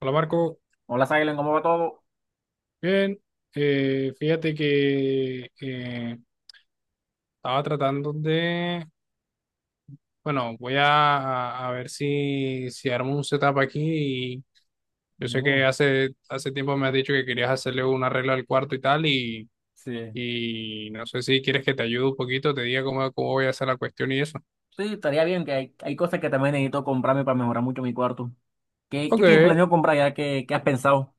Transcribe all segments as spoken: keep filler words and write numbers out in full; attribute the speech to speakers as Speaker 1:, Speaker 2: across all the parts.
Speaker 1: Hola Marco,
Speaker 2: Hola, Silen, ¿cómo va todo?
Speaker 1: bien. Eh, fíjate que eh, estaba tratando de, bueno, voy a, a ver si, si armo un setup aquí, y yo sé que
Speaker 2: Oh,
Speaker 1: hace, hace tiempo me has dicho que querías hacerle un arreglo al cuarto y tal, y,
Speaker 2: sí.
Speaker 1: y no sé si quieres que te ayude un poquito, te diga cómo, cómo voy a hacer la cuestión y eso.
Speaker 2: Sí, estaría bien, que hay, hay cosas que también necesito comprarme para mejorar mucho mi cuarto. ¿Qué,
Speaker 1: Ok.
Speaker 2: qué tienes planeado comprar ya? ¿Qué, qué has pensado?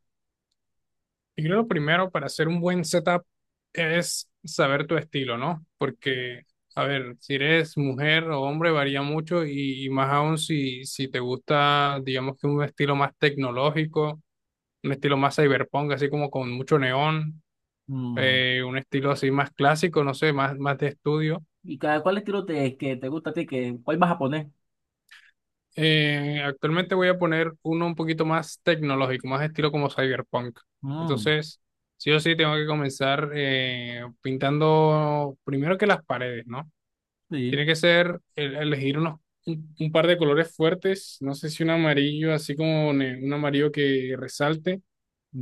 Speaker 1: Yo creo lo primero para hacer un buen setup es saber tu estilo, ¿no? Porque, a ver, si eres mujer o hombre varía mucho, y, y más aún si, si te gusta, digamos, que un estilo más tecnológico, un estilo más cyberpunk, así como con mucho neón,
Speaker 2: Mm.
Speaker 1: eh, un estilo así más clásico, no sé, más, más de estudio.
Speaker 2: ¿Y cada, cuál estilo te, que te gusta a ti? Que, ¿cuál vas a poner?
Speaker 1: Eh, actualmente voy a poner uno un poquito más tecnológico, más estilo como cyberpunk.
Speaker 2: Mm,
Speaker 1: Entonces, sí o sí tengo que comenzar eh, pintando primero que las paredes, ¿no?
Speaker 2: sí.
Speaker 1: Tiene que ser el- elegir unos, un, un par de colores fuertes, no sé si un amarillo, así como ne- un amarillo que resalte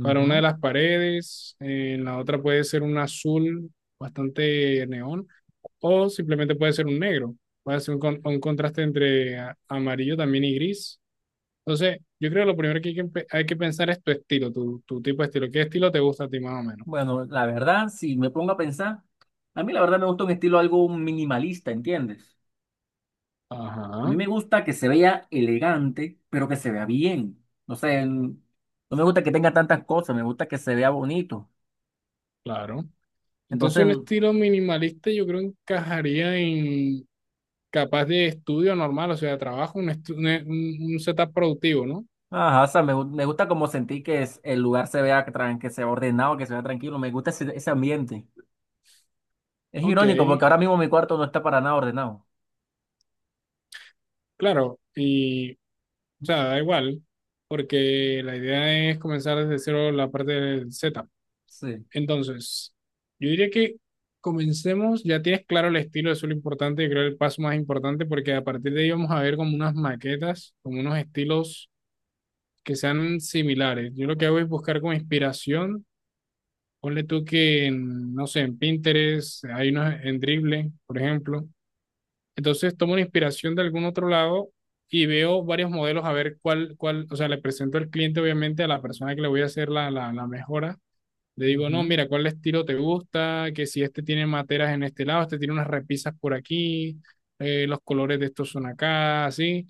Speaker 1: para una de las paredes, eh, en la otra puede ser un azul bastante neón, o simplemente puede ser un negro. Puede ser un, con- un contraste entre a- amarillo también y gris. Entonces, yo creo que lo primero que hay que, empe- hay que pensar es tu estilo, tu, tu tipo de estilo. ¿Qué estilo te gusta a ti más o menos?
Speaker 2: Bueno, la verdad, si me pongo a pensar, a mí la verdad me gusta un estilo algo minimalista, ¿entiendes? A mí
Speaker 1: Ajá,
Speaker 2: me gusta que se vea elegante, pero que se vea bien. No sé, no me gusta que tenga tantas cosas, me gusta que se vea bonito.
Speaker 1: claro. Entonces,
Speaker 2: Entonces,
Speaker 1: un estilo minimalista yo creo encajaría en capaz de estudio normal, o sea, de trabajo, un, estu- un, un- un setup productivo, ¿no?
Speaker 2: ajá, o sea, me, gu- me gusta como sentir que es- el lugar se vea tran- que se vea ordenado, que se vea tranquilo. Me gusta ese, ese ambiente. Es
Speaker 1: Ok,
Speaker 2: irónico porque ahora mismo mi cuarto no está para nada ordenado.
Speaker 1: claro. Y, o sea, da igual, porque la idea es comenzar desde cero la parte del setup.
Speaker 2: Sí.
Speaker 1: Entonces, yo diría que comencemos, ya tienes claro el estilo, eso es lo importante, yo creo el paso más importante, porque a partir de ahí vamos a ver como unas maquetas, como unos estilos que sean similares. Yo lo que hago es buscar como inspiración, ponle tú que, en, no sé, en Pinterest, hay unos en Dribbble, por ejemplo. Entonces tomo una inspiración de algún otro lado y veo varios modelos a ver cuál, cuál, o sea, le presento al cliente, obviamente a la persona que le voy a hacer la, la, la mejora, le digo, no,
Speaker 2: Ujú.
Speaker 1: mira, ¿cuál estilo te gusta? Que si este tiene materas en este lado, este tiene unas repisas por aquí, eh, los colores de estos son acá, así.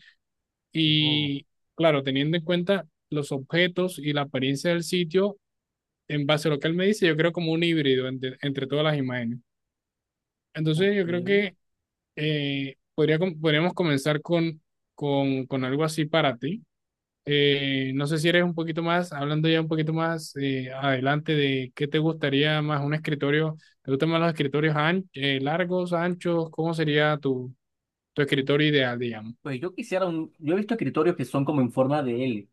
Speaker 2: Oh,
Speaker 1: Y claro, teniendo en cuenta los objetos y la apariencia del sitio, en base a lo que él me dice, yo creo como un híbrido entre, entre todas las imágenes. Entonces,
Speaker 2: ok.
Speaker 1: yo creo que eh, podría, com- podríamos comenzar con, con, con algo así para ti. Eh, no sé si eres un poquito más, hablando ya un poquito más eh, adelante de qué te gustaría más un escritorio. ¿Te gustan más los escritorios an- eh, largos, anchos? ¿Cómo sería tu, tu escritorio ideal, digamos?
Speaker 2: Pues yo quisiera un, yo he visto escritorios que son como en forma de ele.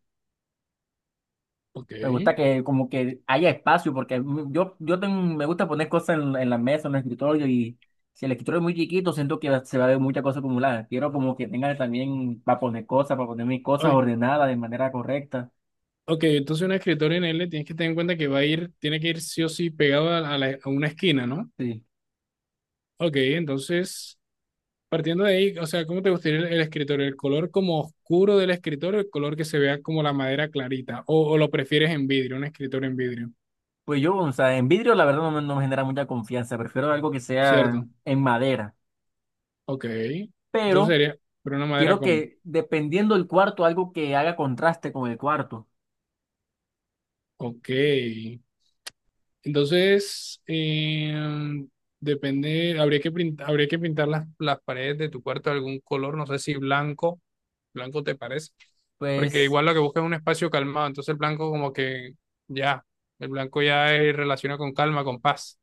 Speaker 1: Ok.
Speaker 2: Me gusta que como que haya espacio porque mm, yo, yo tengo- me gusta poner cosas en, en la mesa, en el escritorio y si el escritorio es muy chiquito siento que se va a ver muchas cosas acumuladas. Quiero como que tenga también para poner cosas, para poner mis cosas
Speaker 1: Ok,
Speaker 2: ordenadas de manera correcta.
Speaker 1: ok, entonces un escritorio en L, tienes que tener en cuenta que va a ir, tiene que ir sí o sí pegado a, la- a la- a una esquina, ¿no?
Speaker 2: Sí.
Speaker 1: Ok, entonces, partiendo de ahí, o sea, ¿cómo te gustaría el, el escritorio? ¿El color como oscuro del escritorio, el color que se vea como la madera clarita? ¿O, o lo prefieres en vidrio, un escritorio en vidrio?
Speaker 2: Pues yo, o sea, en vidrio la verdad no, me no me genera mucha confianza, prefiero algo que sea
Speaker 1: ¿Cierto?
Speaker 2: en madera,
Speaker 1: Ok, entonces
Speaker 2: pero
Speaker 1: sería, pero una madera
Speaker 2: quiero
Speaker 1: común.
Speaker 2: que dependiendo del cuarto, algo que haga contraste con el cuarto.
Speaker 1: Ok, entonces em, depende, habría que pintar, habría que pintar las, las paredes de tu cuarto de algún color, no sé si blanco, blanco te parece, porque
Speaker 2: Pues,
Speaker 1: igual lo que buscas es un espacio calmado, entonces el blanco como que ya, el blanco ya es relaciona con calma, con paz.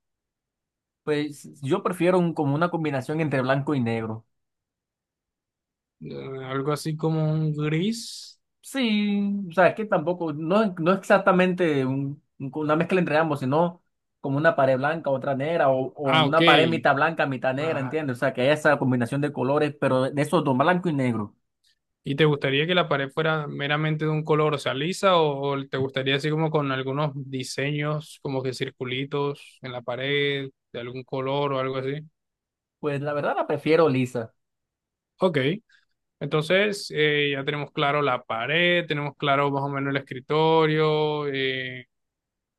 Speaker 2: pues yo prefiero un- como una combinación entre blanco y negro.
Speaker 1: Eh, Algo así como un gris.
Speaker 2: Sí, o sea, es que tampoco, no, no exactamente un- un- una mezcla entre ambos, sino como una pared blanca, otra negra, o, o
Speaker 1: Ah, ok,
Speaker 2: una pared mitad blanca, mitad negra, ¿entiendes? O sea, que haya esa combinación de colores, pero de esos dos, blanco y negro.
Speaker 1: ¿y te gustaría que la pared fuera meramente de un color, o sea, lisa, o, o te gustaría así como con algunos diseños, como que circulitos en la pared, de algún color o algo así?
Speaker 2: Pues la verdad la prefiero lisa.
Speaker 1: Ok, entonces eh, ya tenemos claro la pared, tenemos claro más o menos el escritorio. eh,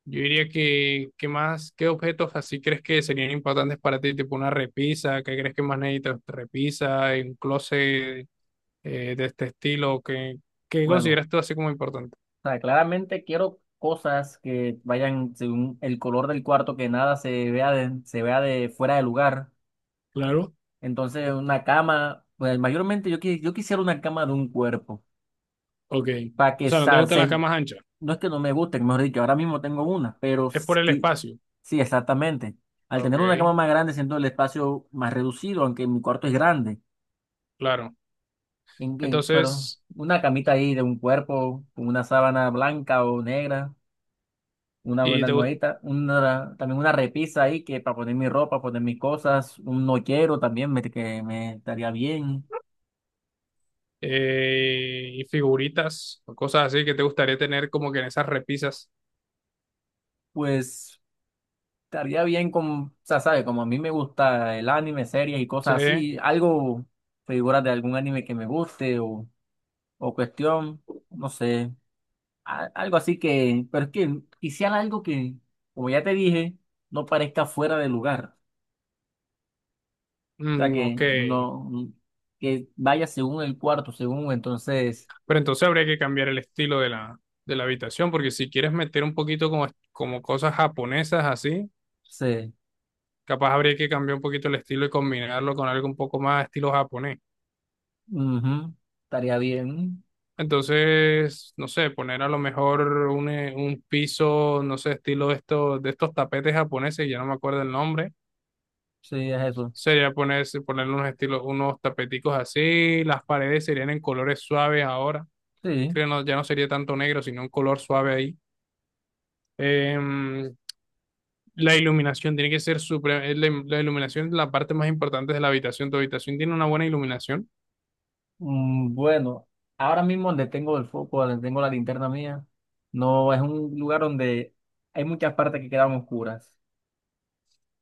Speaker 1: Yo diría que, ¿qué más? ¿Qué objetos así crees que serían importantes para ti? Tipo una repisa, ¿qué crees que más necesitas? Repisa, eh, un closet, eh, de este estilo, ¿qué, qué
Speaker 2: Bueno.
Speaker 1: consideras tú así como importante?
Speaker 2: O sea, claramente quiero cosas que vayan según el color del cuarto, que nada se vea de, se vea de fuera de lugar.
Speaker 1: Claro.
Speaker 2: Entonces, una cama, pues mayormente yo, qui- yo quisiera una cama de un cuerpo,
Speaker 1: Ok.
Speaker 2: para
Speaker 1: O
Speaker 2: que
Speaker 1: sea, no te
Speaker 2: sa-
Speaker 1: gustan las
Speaker 2: se-
Speaker 1: camas anchas.
Speaker 2: no es que no me guste, mejor dicho, ahora mismo tengo una, pero
Speaker 1: Es por el
Speaker 2: sí,
Speaker 1: espacio.
Speaker 2: sí, exactamente. Al tener una
Speaker 1: Ok,
Speaker 2: cama más grande, siento el espacio más reducido, aunque mi cuarto es grande.
Speaker 1: claro.
Speaker 2: En- en- pero
Speaker 1: Entonces,
Speaker 2: una camita
Speaker 1: eh,
Speaker 2: ahí de un cuerpo, con una sábana blanca o negra. Una
Speaker 1: y
Speaker 2: buena
Speaker 1: te gust-
Speaker 2: almohadita, una, también una repisa ahí que para poner mi ropa, poner mis cosas, un nochero también me, que me estaría bien.
Speaker 1: eh, y figuritas o cosas así que te gustaría tener como que en esas repisas.
Speaker 2: Pues estaría bien con, o sea, ¿sabe? Como a mí me gusta el anime, series y
Speaker 1: Sí.
Speaker 2: cosas así, algo, figuras de algún anime que me guste o, o cuestión, no sé, a- algo así que, pero es que quisiera algo que, como ya te dije, no parezca fuera de lugar. O sea,
Speaker 1: Mm,
Speaker 2: que
Speaker 1: ok.
Speaker 2: no, que vaya según el cuarto, según entonces.
Speaker 1: Pero entonces habría que cambiar el estilo de la, de la habitación, porque si quieres meter un poquito como, como cosas japonesas así,
Speaker 2: Sí,
Speaker 1: capaz habría que cambiar un poquito el estilo y combinarlo con algo un poco más estilo japonés.
Speaker 2: ujú. Estaría bien.
Speaker 1: Entonces, no sé, poner a lo mejor un, eh, un piso, no sé, estilo de estos, de estos tapetes japoneses, ya no me acuerdo el nombre,
Speaker 2: Sí, es eso.
Speaker 1: sería ponerse, ponerle unos estilos, unos tapeticos así, las paredes serían en colores suaves ahora,
Speaker 2: Sí.
Speaker 1: creo no, ya no sería tanto negro, sino un color suave ahí. Em, la iluminación tiene que ser supre- eh, la, la iluminación es la parte más importante de la habitación, tu habitación tiene una buena iluminación,
Speaker 2: Mm, bueno, ahora mismo donde tengo el foco, donde tengo la linterna mía, no es un lugar donde hay muchas partes que quedan oscuras.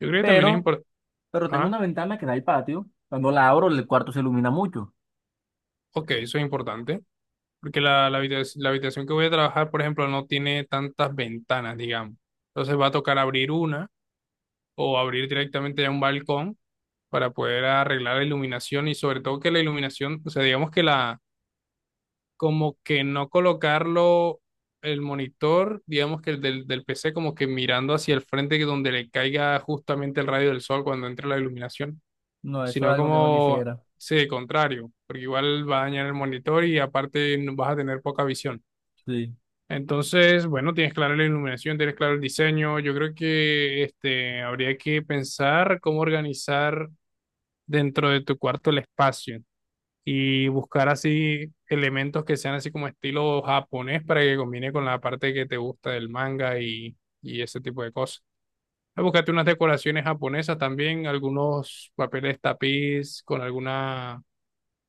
Speaker 1: yo creo que también es
Speaker 2: Pero,
Speaker 1: importante,
Speaker 2: pero tengo
Speaker 1: ah,
Speaker 2: una ventana que da al patio. Cuando la abro, el cuarto se ilumina mucho.
Speaker 1: ok, eso es importante. Porque la, la habitac- la habitación que voy a trabajar, por ejemplo, no tiene tantas ventanas, digamos. Entonces va a tocar abrir una o abrir directamente ya un balcón para poder arreglar la iluminación, y sobre todo que la iluminación, o sea, digamos que la, como que no colocarlo el monitor, digamos que el del, del P C, como que mirando hacia el frente, que donde le caiga justamente el rayo del sol cuando entre la iluminación,
Speaker 2: No, eso es
Speaker 1: sino
Speaker 2: algo que no
Speaker 1: como,
Speaker 2: quisiera.
Speaker 1: sí, contrario, porque igual va a dañar el monitor y aparte vas a tener poca visión.
Speaker 2: Sí.
Speaker 1: Entonces, bueno, tienes claro la iluminación, tienes claro el diseño. Yo creo que este, habría que pensar cómo organizar dentro de tu cuarto el espacio y buscar así elementos que sean así como estilo japonés, para que combine con la parte que te gusta del manga y, y ese tipo de cosas. Búscate unas decoraciones japonesas también, algunos papeles tapiz con alguna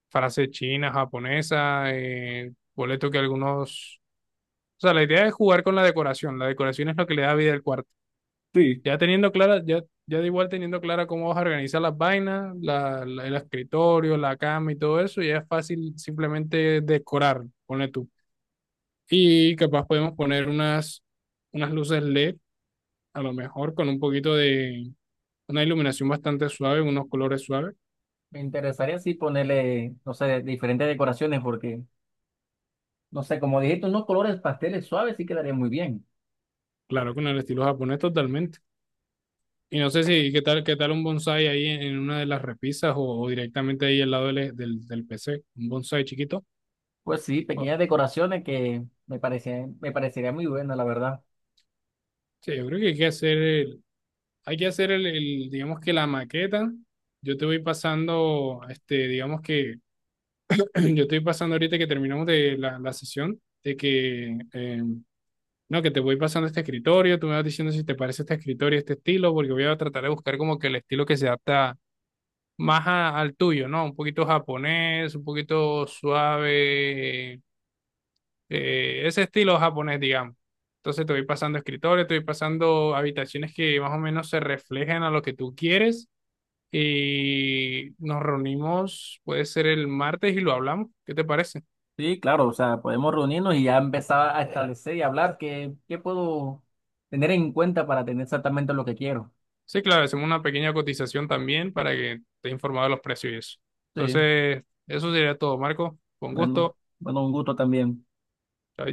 Speaker 1: frase china, japonesa, eh, boleto que algunos, o sea, la idea es jugar con la decoración. La decoración es lo que le da vida al cuarto.
Speaker 2: Sí,
Speaker 1: Ya teniendo clara, ya, ya de igual teniendo clara cómo vas a organizar las vainas, la- la- el escritorio, la cama y todo eso, ya es fácil simplemente decorar, pone tú. Y capaz podemos poner unas, unas luces L E D, a lo mejor con un poquito de una iluminación bastante suave, unos colores suaves.
Speaker 2: me interesaría sí ponerle, no sé, diferentes decoraciones porque, no sé, como dijiste, unos colores pasteles suaves sí quedaría muy bien.
Speaker 1: Claro, con el estilo japonés totalmente. Y no sé si qué tal, qué tal un bonsai ahí en, en una de las repisas, o, o directamente ahí al lado del, del, del P C, un bonsai chiquito.
Speaker 2: Pues sí,
Speaker 1: Bueno,
Speaker 2: pequeñas decoraciones que me parecían, me parecería muy buena, la verdad.
Speaker 1: sí, yo creo que hay que hacer el, hay que hacer el, el, digamos, que la maqueta. Yo te voy pasando, este, digamos que yo te voy pasando ahorita que terminamos de la, la sesión, de que, eh, no, que te voy pasando este escritorio, tú me vas diciendo si te parece este escritorio, este estilo, porque voy a tratar de buscar como que el estilo que se adapta más a- al tuyo, ¿no? Un poquito japonés, un poquito suave, eh, ese estilo japonés, digamos. Entonces te voy pasando escritores, te voy pasando habitaciones que más o menos se reflejen a lo que tú quieres, y nos reunimos, puede ser el martes y lo hablamos. ¿Qué te parece?
Speaker 2: Sí, claro, o sea, podemos reunirnos y ya empezar a establecer y hablar qué, qué puedo tener en cuenta para tener exactamente lo que quiero.
Speaker 1: Sí, claro, hacemos una pequeña cotización también para que estés informado de los precios y eso.
Speaker 2: Sí,
Speaker 1: Entonces, eso sería todo, Marco. Con
Speaker 2: bueno,
Speaker 1: gusto.
Speaker 2: bueno, un gusto también.
Speaker 1: Chao.